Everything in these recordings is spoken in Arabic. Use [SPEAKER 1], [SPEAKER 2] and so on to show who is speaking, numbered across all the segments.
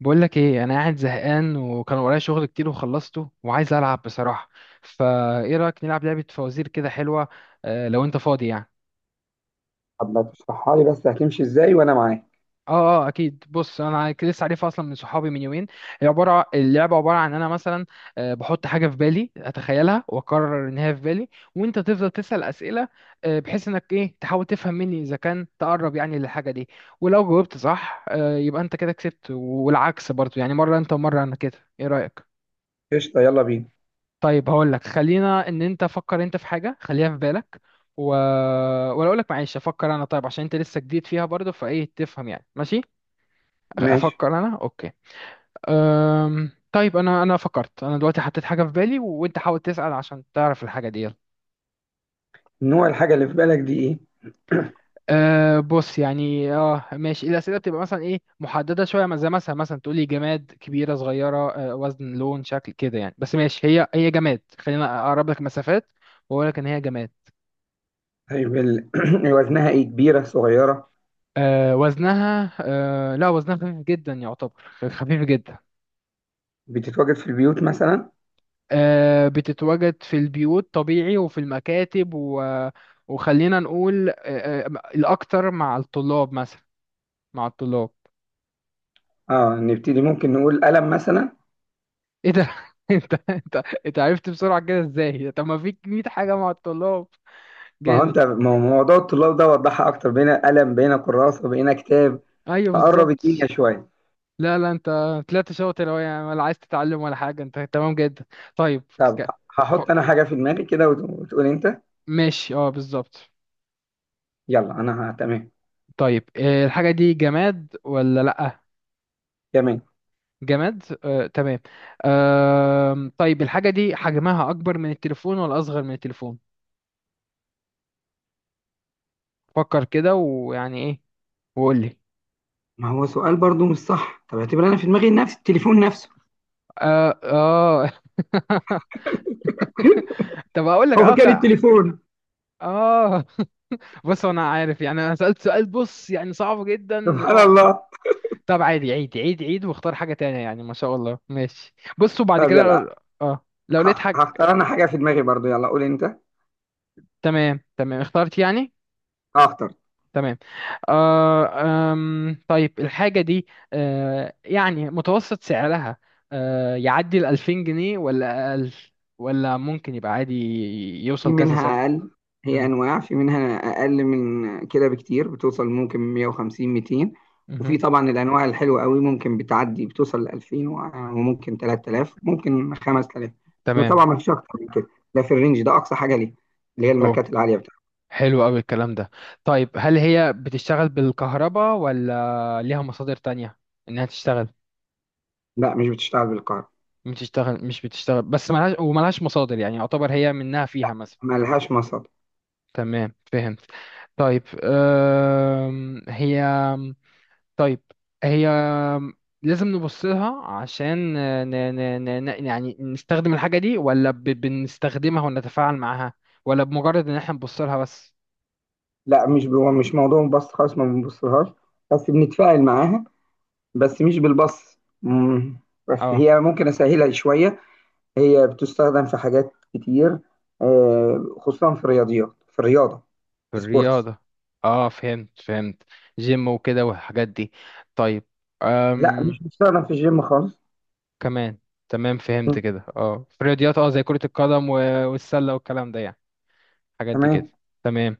[SPEAKER 1] بقول لك ايه، انا قاعد زهقان وكان ورايا شغل كتير وخلصته وعايز العب بصراحه. فايه رايك نلعب لعبه فوازير كده حلوه؟ آه لو انت فاضي يعني.
[SPEAKER 2] طب ما تشرحها لي؟ بس هتمشي ازاي وانا معاك؟
[SPEAKER 1] اه اكيد، بص، انا لسه عارفها اصلا من صحابي من يومين. هي عباره، اللعبه عباره عن انا مثلا، آه، بحط حاجه في بالي، اتخيلها واقرر ان هي في بالي، وانت تفضل تسال اسئله، آه، بحيث انك ايه، تحاول تفهم مني اذا كان تقرب يعني للحاجه دي، ولو جاوبت صح آه يبقى انت كده كسبت، والعكس برضو يعني، مره انت ومره انا. كده ايه رايك؟
[SPEAKER 2] قشطه، يلا بينا.
[SPEAKER 1] طيب هقول لك، خلينا ان انت فكر انت في حاجه، خليها في بالك و... ولا اقول لك، معلش افكر انا، طيب عشان انت لسه جديد فيها برضه، فايه تفهم يعني، ماشي
[SPEAKER 2] ماشي.
[SPEAKER 1] افكر انا. اوكي. طيب انا فكرت انا دلوقتي، حطيت حاجه في بالي، وانت حاول تسال عشان تعرف الحاجه دي، يلا.
[SPEAKER 2] نوع الحاجه اللي في بالك دي ايه؟
[SPEAKER 1] أه بص، يعني اه ماشي، الاسئله بتبقى مثلا ايه، محدده شويه، زي مثلا تقولي جماد، كبيره صغيره، أه، وزن، لون، شكل كده يعني، بس ماشي، هي جماد، خلينا اقرب لك مسافات واقول لك ان هي جماد.
[SPEAKER 2] طيب، وزنها ايه؟ كبيره صغيره؟
[SPEAKER 1] آه وزنها، آه لا وزنها خفيف جدا يعتبر، خفيف جدا.
[SPEAKER 2] بتتواجد في البيوت مثلا؟
[SPEAKER 1] آه بتتواجد في البيوت طبيعي، وفي المكاتب وخلينا نقول آه، آه، الأكتر مع الطلاب مثلا، مع الطلاب.
[SPEAKER 2] اه، نبتدي. ممكن نقول قلم مثلا.
[SPEAKER 1] ايه ده؟ انت انت انت عرفت بسرعة كده ازاي؟ طب ما فيك 100 حاجة مع الطلاب.
[SPEAKER 2] ما هو
[SPEAKER 1] جامد.
[SPEAKER 2] انت، ما هو موضوع الطلاب ده؟ وضحها اكتر، بين قلم بين كراسه بين كتاب.
[SPEAKER 1] ايوه
[SPEAKER 2] فقرب الدنيا
[SPEAKER 1] بالظبط.
[SPEAKER 2] شويه.
[SPEAKER 1] لا لا، انت طلعت شاطر أوي يعني، ولا عايز تتعلم ولا حاجة، انت تمام جدا. طيب.
[SPEAKER 2] طب
[SPEAKER 1] ك- ف-
[SPEAKER 2] هحط انا حاجه في دماغي كده وتقول انت.
[SPEAKER 1] ماشي اه بالظبط.
[SPEAKER 2] يلا انا تمام.
[SPEAKER 1] طيب آه، الحاجة دي جماد ولا لأ؟
[SPEAKER 2] تمام.
[SPEAKER 1] جماد آه، تمام. آم، طيب الحاجة دي حجمها أكبر من التليفون ولا أصغر من التليفون؟ فكر كده ويعني إيه وقول لي.
[SPEAKER 2] ما هو سؤال برضو مش صح. طب اعتبر انا في دماغي نفس التليفون نفسه.
[SPEAKER 1] آه. طب أقول لك
[SPEAKER 2] هو
[SPEAKER 1] آه
[SPEAKER 2] كان التليفون.
[SPEAKER 1] آه. بص أنا عارف، يعني أنا سألت سؤال، بص يعني صعب جدا إن
[SPEAKER 2] سبحان
[SPEAKER 1] هو.
[SPEAKER 2] الله.
[SPEAKER 1] طب عادي، عيد واختار حاجة تانية، يعني ما شاء الله ماشي. بص، وبعد
[SPEAKER 2] طب،
[SPEAKER 1] كده
[SPEAKER 2] يلا.
[SPEAKER 1] لو آه، لو لقيت حاجة.
[SPEAKER 2] هختار انا حاجة في دماغي برضو. يلا قول انت.
[SPEAKER 1] تمام اخترت يعني.
[SPEAKER 2] هختار.
[SPEAKER 1] تمام. آه آم، طيب الحاجة دي آه يعني متوسط سعرها آه يعدي ال 2000 جنيه ولا أقل، ولا ممكن يبقى عادي،
[SPEAKER 2] في
[SPEAKER 1] يوصل كذا سعر.
[SPEAKER 2] منها اقل. هي
[SPEAKER 1] مم،
[SPEAKER 2] انواع، في منها اقل من كده بكتير. بتوصل ممكن 150، 200. وفي
[SPEAKER 1] مهم.
[SPEAKER 2] طبعا الانواع الحلوة قوي ممكن بتعدي، بتوصل ل 2000 وممكن 3000، ممكن 5000. بس طبعا
[SPEAKER 1] تمام.
[SPEAKER 2] ما فيش اكتر من كده. ده في الرينج ده اقصى حاجة ليه، اللي هي الماركات
[SPEAKER 1] أوك.
[SPEAKER 2] العالية بتاعتها.
[SPEAKER 1] حلو أوي الكلام ده. طيب هل هي بتشتغل بالكهرباء ولا ليها مصادر تانية إنها تشتغل؟
[SPEAKER 2] لا، مش بتشتغل بالكهرباء.
[SPEAKER 1] بتشتغل مش بتشتغل، بس ملهاش وملهاش مصادر يعني، يعتبر هي منها فيها مثلا.
[SPEAKER 2] مالهاش مصادر.
[SPEAKER 1] تمام فهمت. طيب آم، هي، طيب هي لازم نبص لها عشان يعني نستخدم الحاجة دي، ولا بنستخدمها ونتفاعل معاها، ولا بمجرد ان احنا نبص لها بس؟
[SPEAKER 2] لا، مش هو مش موضوع بس خالص، ما بنبصلهاش. بس بنتفاعل معاها. بس مش بالبص. مم. بس
[SPEAKER 1] اه،
[SPEAKER 2] هي ممكن اسهلها شويه. هي بتستخدم في حاجات كتير. آه، خصوصا في الرياضيات، في الرياضه.
[SPEAKER 1] في
[SPEAKER 2] في سبورتس.
[SPEAKER 1] الرياضة. اه فهمت فهمت، جيم وكده والحاجات دي. طيب.
[SPEAKER 2] لا،
[SPEAKER 1] أم...
[SPEAKER 2] مش بتستخدم في الجيم خالص.
[SPEAKER 1] كمان. تمام فهمت
[SPEAKER 2] مم.
[SPEAKER 1] كده، اه في الرياضيات، اه زي كرة القدم والسلة والكلام ده يعني، الحاجات دي كده.
[SPEAKER 2] تمام.
[SPEAKER 1] تمام.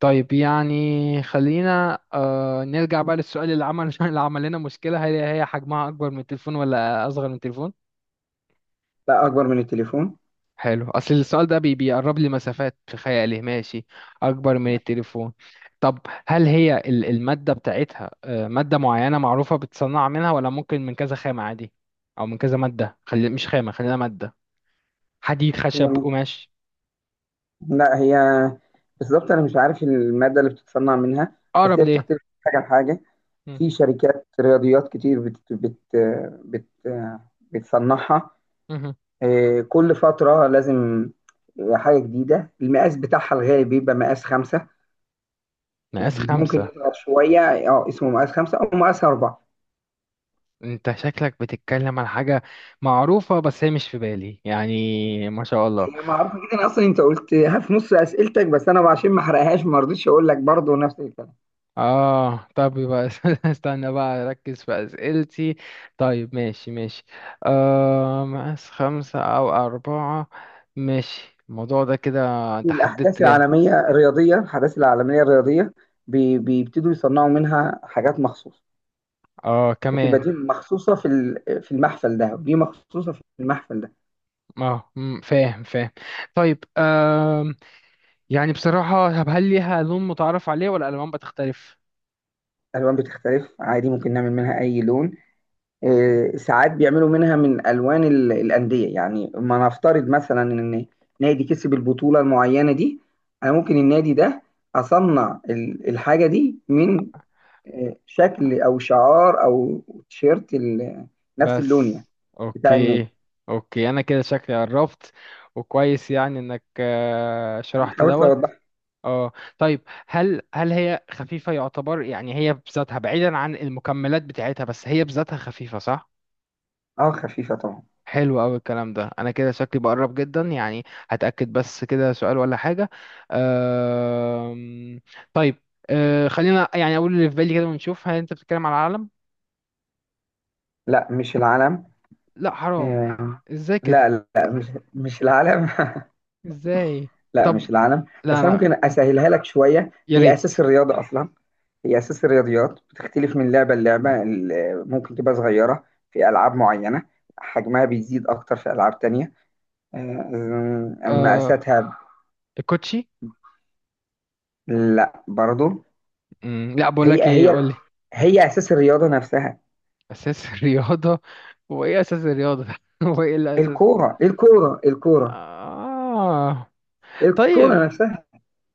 [SPEAKER 1] طيب يعني خلينا آه نرجع بقى للسؤال اللي عمل اللي عمل لنا مشكلة، هل هي حجمها أكبر من التليفون ولا أصغر من التليفون؟
[SPEAKER 2] لا، اكبر من التليفون.
[SPEAKER 1] حلو، أصل السؤال ده بي بيقرب لي مسافات في خيالي، ماشي. أكبر من التليفون. طب هل هي المادة بتاعتها آه مادة معينة معروفة بتصنع منها، ولا ممكن من كذا خامة عادي، أو من كذا مادة، خلي مش خامة خلينا مادة، حديد،
[SPEAKER 2] هي
[SPEAKER 1] خشب، قماش؟
[SPEAKER 2] لا، هي بالظبط انا مش عارف الماده اللي بتتصنع منها. بس
[SPEAKER 1] أقرب
[SPEAKER 2] هي
[SPEAKER 1] ليه؟
[SPEAKER 2] بتختلف من حاجه لحاجه.
[SPEAKER 1] مم.
[SPEAKER 2] في شركات رياضيات كتير بت بت بت بتصنعها.
[SPEAKER 1] مهم.
[SPEAKER 2] آه، كل فترة لازم آه، حاجة جديدة. المقاس بتاعها الغالب بيبقى مقاس خمسة.
[SPEAKER 1] مقاس
[SPEAKER 2] ممكن
[SPEAKER 1] خمسة
[SPEAKER 2] يصغر شوية. اه، اسمه مقاس خمسة أو مقاس أربعة.
[SPEAKER 1] انت شكلك بتتكلم عن حاجة معروفة بس هي مش في بالي يعني، ما شاء الله.
[SPEAKER 2] هي معروفة جدا أصلا، أنت قلتها في نص أسئلتك، بس أنا عشان ما أحرقهاش ما رضيتش أقول لك برضه نفس الكلام.
[SPEAKER 1] اه طب يبقى استنى بقى اركز في اسئلتي. طيب ماشي ماشي، آه مقاس 5 او 4، ماشي الموضوع ده كده،
[SPEAKER 2] في
[SPEAKER 1] انت حددت
[SPEAKER 2] الأحداث
[SPEAKER 1] جامد.
[SPEAKER 2] العالمية الرياضية، بيبتدوا يصنعوا منها حاجات مخصوصة.
[SPEAKER 1] اه
[SPEAKER 2] بتبقى
[SPEAKER 1] كمان.
[SPEAKER 2] دي مخصوصة في المحفل ده، ودي مخصوصة في المحفل ده.
[SPEAKER 1] اه مم، فاهم فاهم. طيب آه يعني بصراحة، طب هل ليها لون متعارف عليه ولا الالوان بتختلف؟
[SPEAKER 2] الألوان بتختلف عادي، ممكن نعمل منها أي لون. آه، ساعات بيعملوا منها من الوان الانديه. يعني ما نفترض مثلا ان نادي كسب البطوله المعينه دي، انا ممكن النادي ده اصنع الحاجه دي من آه، شكل او شعار او تيشيرت نفس اللون
[SPEAKER 1] بس.
[SPEAKER 2] يعني، بتاع النادي.
[SPEAKER 1] اوكي، اوكي انا كده شكلي قربت، وكويس يعني انك آه
[SPEAKER 2] انا
[SPEAKER 1] شرحت
[SPEAKER 2] حاولت
[SPEAKER 1] دوت.
[SPEAKER 2] اوضح.
[SPEAKER 1] اه. طيب هل هي خفيفة يعتبر، يعني هي بذاتها بعيدا عن المكملات بتاعتها، بس هي بذاتها خفيفة صح؟
[SPEAKER 2] اه، خفيفه طبعا.
[SPEAKER 1] حلو قوي الكلام ده، انا كده شكلي بقرب جدا يعني. هتأكد بس كده سؤال ولا حاجة. أم... طيب أه خلينا يعني اقول اللي في بالي كده ونشوف، هل انت بتتكلم على العالم؟
[SPEAKER 2] لا، مش العلم.
[SPEAKER 1] لا حرام.
[SPEAKER 2] آه،
[SPEAKER 1] ازاي
[SPEAKER 2] لا،
[SPEAKER 1] كده؟
[SPEAKER 2] لا، مش العلم.
[SPEAKER 1] ازاي؟
[SPEAKER 2] لا،
[SPEAKER 1] طب
[SPEAKER 2] مش العالم.
[SPEAKER 1] لا
[SPEAKER 2] بس انا
[SPEAKER 1] انا،
[SPEAKER 2] ممكن اسهلها لك شويه.
[SPEAKER 1] يا
[SPEAKER 2] هي
[SPEAKER 1] ريت.
[SPEAKER 2] اساس الرياضه اصلا. هي اساس الرياضيات، بتختلف من لعبه للعبه، ممكن تبقى صغيره في العاب معينه، حجمها بيزيد اكتر في العاب تانية. أم- اما
[SPEAKER 1] آه
[SPEAKER 2] اساسها،
[SPEAKER 1] الكوتشي.
[SPEAKER 2] لا برضو.
[SPEAKER 1] مم، لا بقول لك
[SPEAKER 2] هي
[SPEAKER 1] ايه
[SPEAKER 2] هي
[SPEAKER 1] قول لي.
[SPEAKER 2] هي اساس الرياضه نفسها.
[SPEAKER 1] اساس الرياضه، هو ايه اساس الرياضه ده؟ هو ايه الاساس؟
[SPEAKER 2] الكوره الكوره الكوره،
[SPEAKER 1] آه.
[SPEAKER 2] الكوره
[SPEAKER 1] طيب
[SPEAKER 2] نفسها.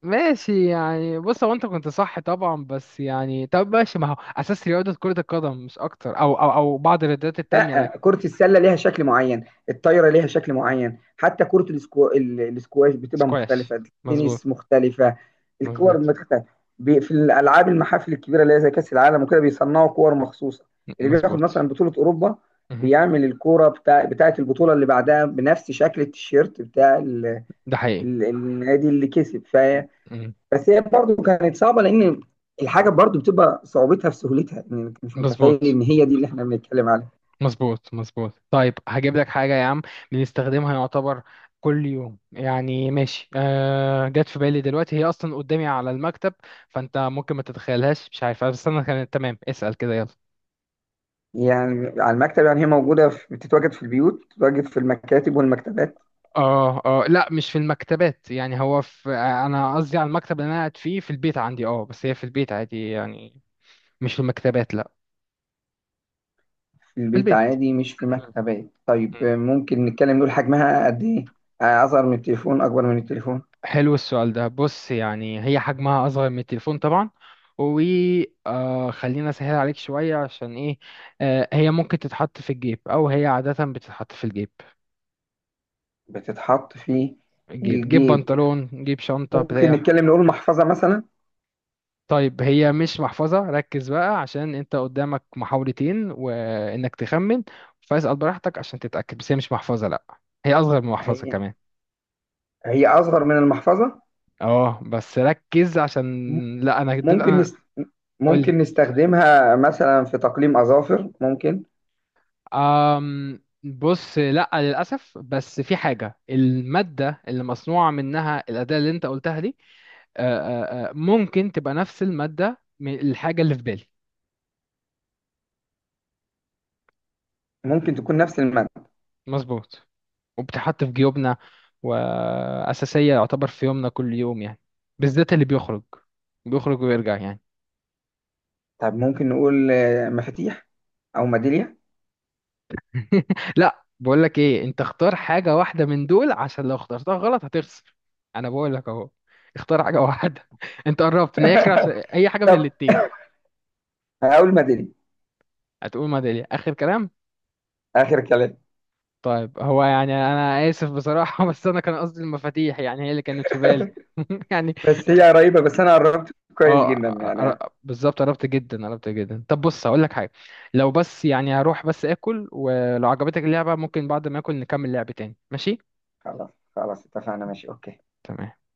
[SPEAKER 1] ماشي، يعني بص هو انت كنت صح طبعا، بس يعني طب ماشي، ما هو اساس رياضه كره القدم مش اكتر، او بعض الرياضات التانية لك.
[SPEAKER 2] لا، كرة السلة ليها شكل معين، الطايرة ليها شكل معين، حتى كرة الاسكواش بتبقى
[SPEAKER 1] سكواش.
[SPEAKER 2] مختلفة،
[SPEAKER 1] مظبوط،
[SPEAKER 2] التنس مختلفة، الكور
[SPEAKER 1] مظبوط،
[SPEAKER 2] مختلفة، في الألعاب، المحافل الكبيرة اللي هي زي كأس العالم وكده، بيصنعوا كور مخصوصة، اللي بياخد
[SPEAKER 1] مظبوط.
[SPEAKER 2] مثلا بطولة أوروبا
[SPEAKER 1] مهم.
[SPEAKER 2] بيعمل الكورة بتاعة البطولة اللي بعدها بنفس شكل التيشيرت
[SPEAKER 1] ده حقيقي.
[SPEAKER 2] النادي اللي كسب،
[SPEAKER 1] مهم.
[SPEAKER 2] بس هي برضه كانت صعبة، لأن الحاجة برضه بتبقى صعوبتها في سهولتها، يعني أنت مش متخيل
[SPEAKER 1] مظبوط،
[SPEAKER 2] إن هي دي اللي إحنا بنتكلم عليها.
[SPEAKER 1] مظبوط، مظبوط. طيب هجيب لك حاجة يا عم، بنستخدمها يعتبر كل يوم يعني، ماشي آه جت في بالي دلوقتي، هي أصلا قدامي على المكتب، فأنت ممكن ما تتخيلهاش، مش عارف بس أنا كانت تمام اسأل كده، يلا.
[SPEAKER 2] يعني على المكتب؟ يعني هي موجودة، بتتواجد في البيوت، بتتواجد في المكاتب والمكتبات.
[SPEAKER 1] اه لا مش في المكتبات، يعني هو في آه، أنا قصدي على المكتب اللي أنا قاعد فيه في البيت عندي، اه بس هي في البيت عادي يعني، مش في المكتبات، لا.
[SPEAKER 2] في
[SPEAKER 1] في
[SPEAKER 2] البيت
[SPEAKER 1] البيت.
[SPEAKER 2] عادي مش في مكتبات. طيب، آه، ممكن نتكلم نقول حجمها قد إيه؟ آه، أصغر من التليفون، أكبر من التليفون؟
[SPEAKER 1] حلو السؤال ده، بص يعني هي حجمها أصغر من التليفون طبعا، وخلينا أسهل عليك شوية عشان إيه، آه هي ممكن تتحط في الجيب، أو هي عادة بتتحط في الجيب،
[SPEAKER 2] بتتحط في
[SPEAKER 1] جيب
[SPEAKER 2] الجيب.
[SPEAKER 1] بنطلون، جيب شنطة
[SPEAKER 2] ممكن
[SPEAKER 1] بتاع.
[SPEAKER 2] نتكلم نقول محفظة مثلا.
[SPEAKER 1] طيب هي مش محفظة، ركز بقى عشان أنت قدامك محاولتين وإنك تخمن، فاسأل براحتك عشان تتأكد، بس هي مش محفظة لأ، هي أصغر من محفظة
[SPEAKER 2] هي
[SPEAKER 1] كمان.
[SPEAKER 2] هي أصغر من المحفظة.
[SPEAKER 1] اه بس ركز
[SPEAKER 2] م-
[SPEAKER 1] عشان، لأ أنا
[SPEAKER 2] ممكن
[SPEAKER 1] أنا
[SPEAKER 2] نست... ممكن
[SPEAKER 1] قولي.
[SPEAKER 2] نستخدمها مثلا في تقليم أظافر، ممكن.
[SPEAKER 1] أم بص لا للأسف، بس في حاجة، المادة اللي مصنوعة منها الأداة اللي أنت قلتها دي آه، ممكن تبقى نفس المادة من الحاجة اللي في بالي.
[SPEAKER 2] ممكن تكون نفس المادة.
[SPEAKER 1] مظبوط. وبتحط في جيوبنا، وأساسية يعتبر في يومنا كل يوم يعني، بالذات اللي بيخرج، بيخرج ويرجع يعني.
[SPEAKER 2] طب ممكن نقول آه، مفاتيح أو ميدالية.
[SPEAKER 1] لا بقول لك إيه، أنت اختار حاجة واحدة من دول عشان لو اخترتها غلط هتخسر، أنا بقول لك أهو، اختار حاجة واحدة. أنت قربت من الآخر، عشان أي حاجة من
[SPEAKER 2] طب،
[SPEAKER 1] الاتنين.
[SPEAKER 2] هقول ميدالية.
[SPEAKER 1] هتقول ميدالية آخر كلام؟
[SPEAKER 2] اخر كلام.
[SPEAKER 1] طيب هو يعني أنا آسف بصراحة بس أنا كان قصدي المفاتيح، يعني هي اللي كانت في بالي. يعني
[SPEAKER 2] بس هي قريبه، بس انا قربت كويس
[SPEAKER 1] اه.
[SPEAKER 2] جدا يعني.
[SPEAKER 1] بالظبط، قربت جدا قربت جدا. طب بص هقول لك حاجة، لو بس يعني هروح بس آكل، ولو عجبتك اللعبة ممكن بعد ما آكل نكمل لعب تاني، ماشي؟
[SPEAKER 2] خلاص. خلاص، اتفقنا، ماشي، اوكي.
[SPEAKER 1] تمام.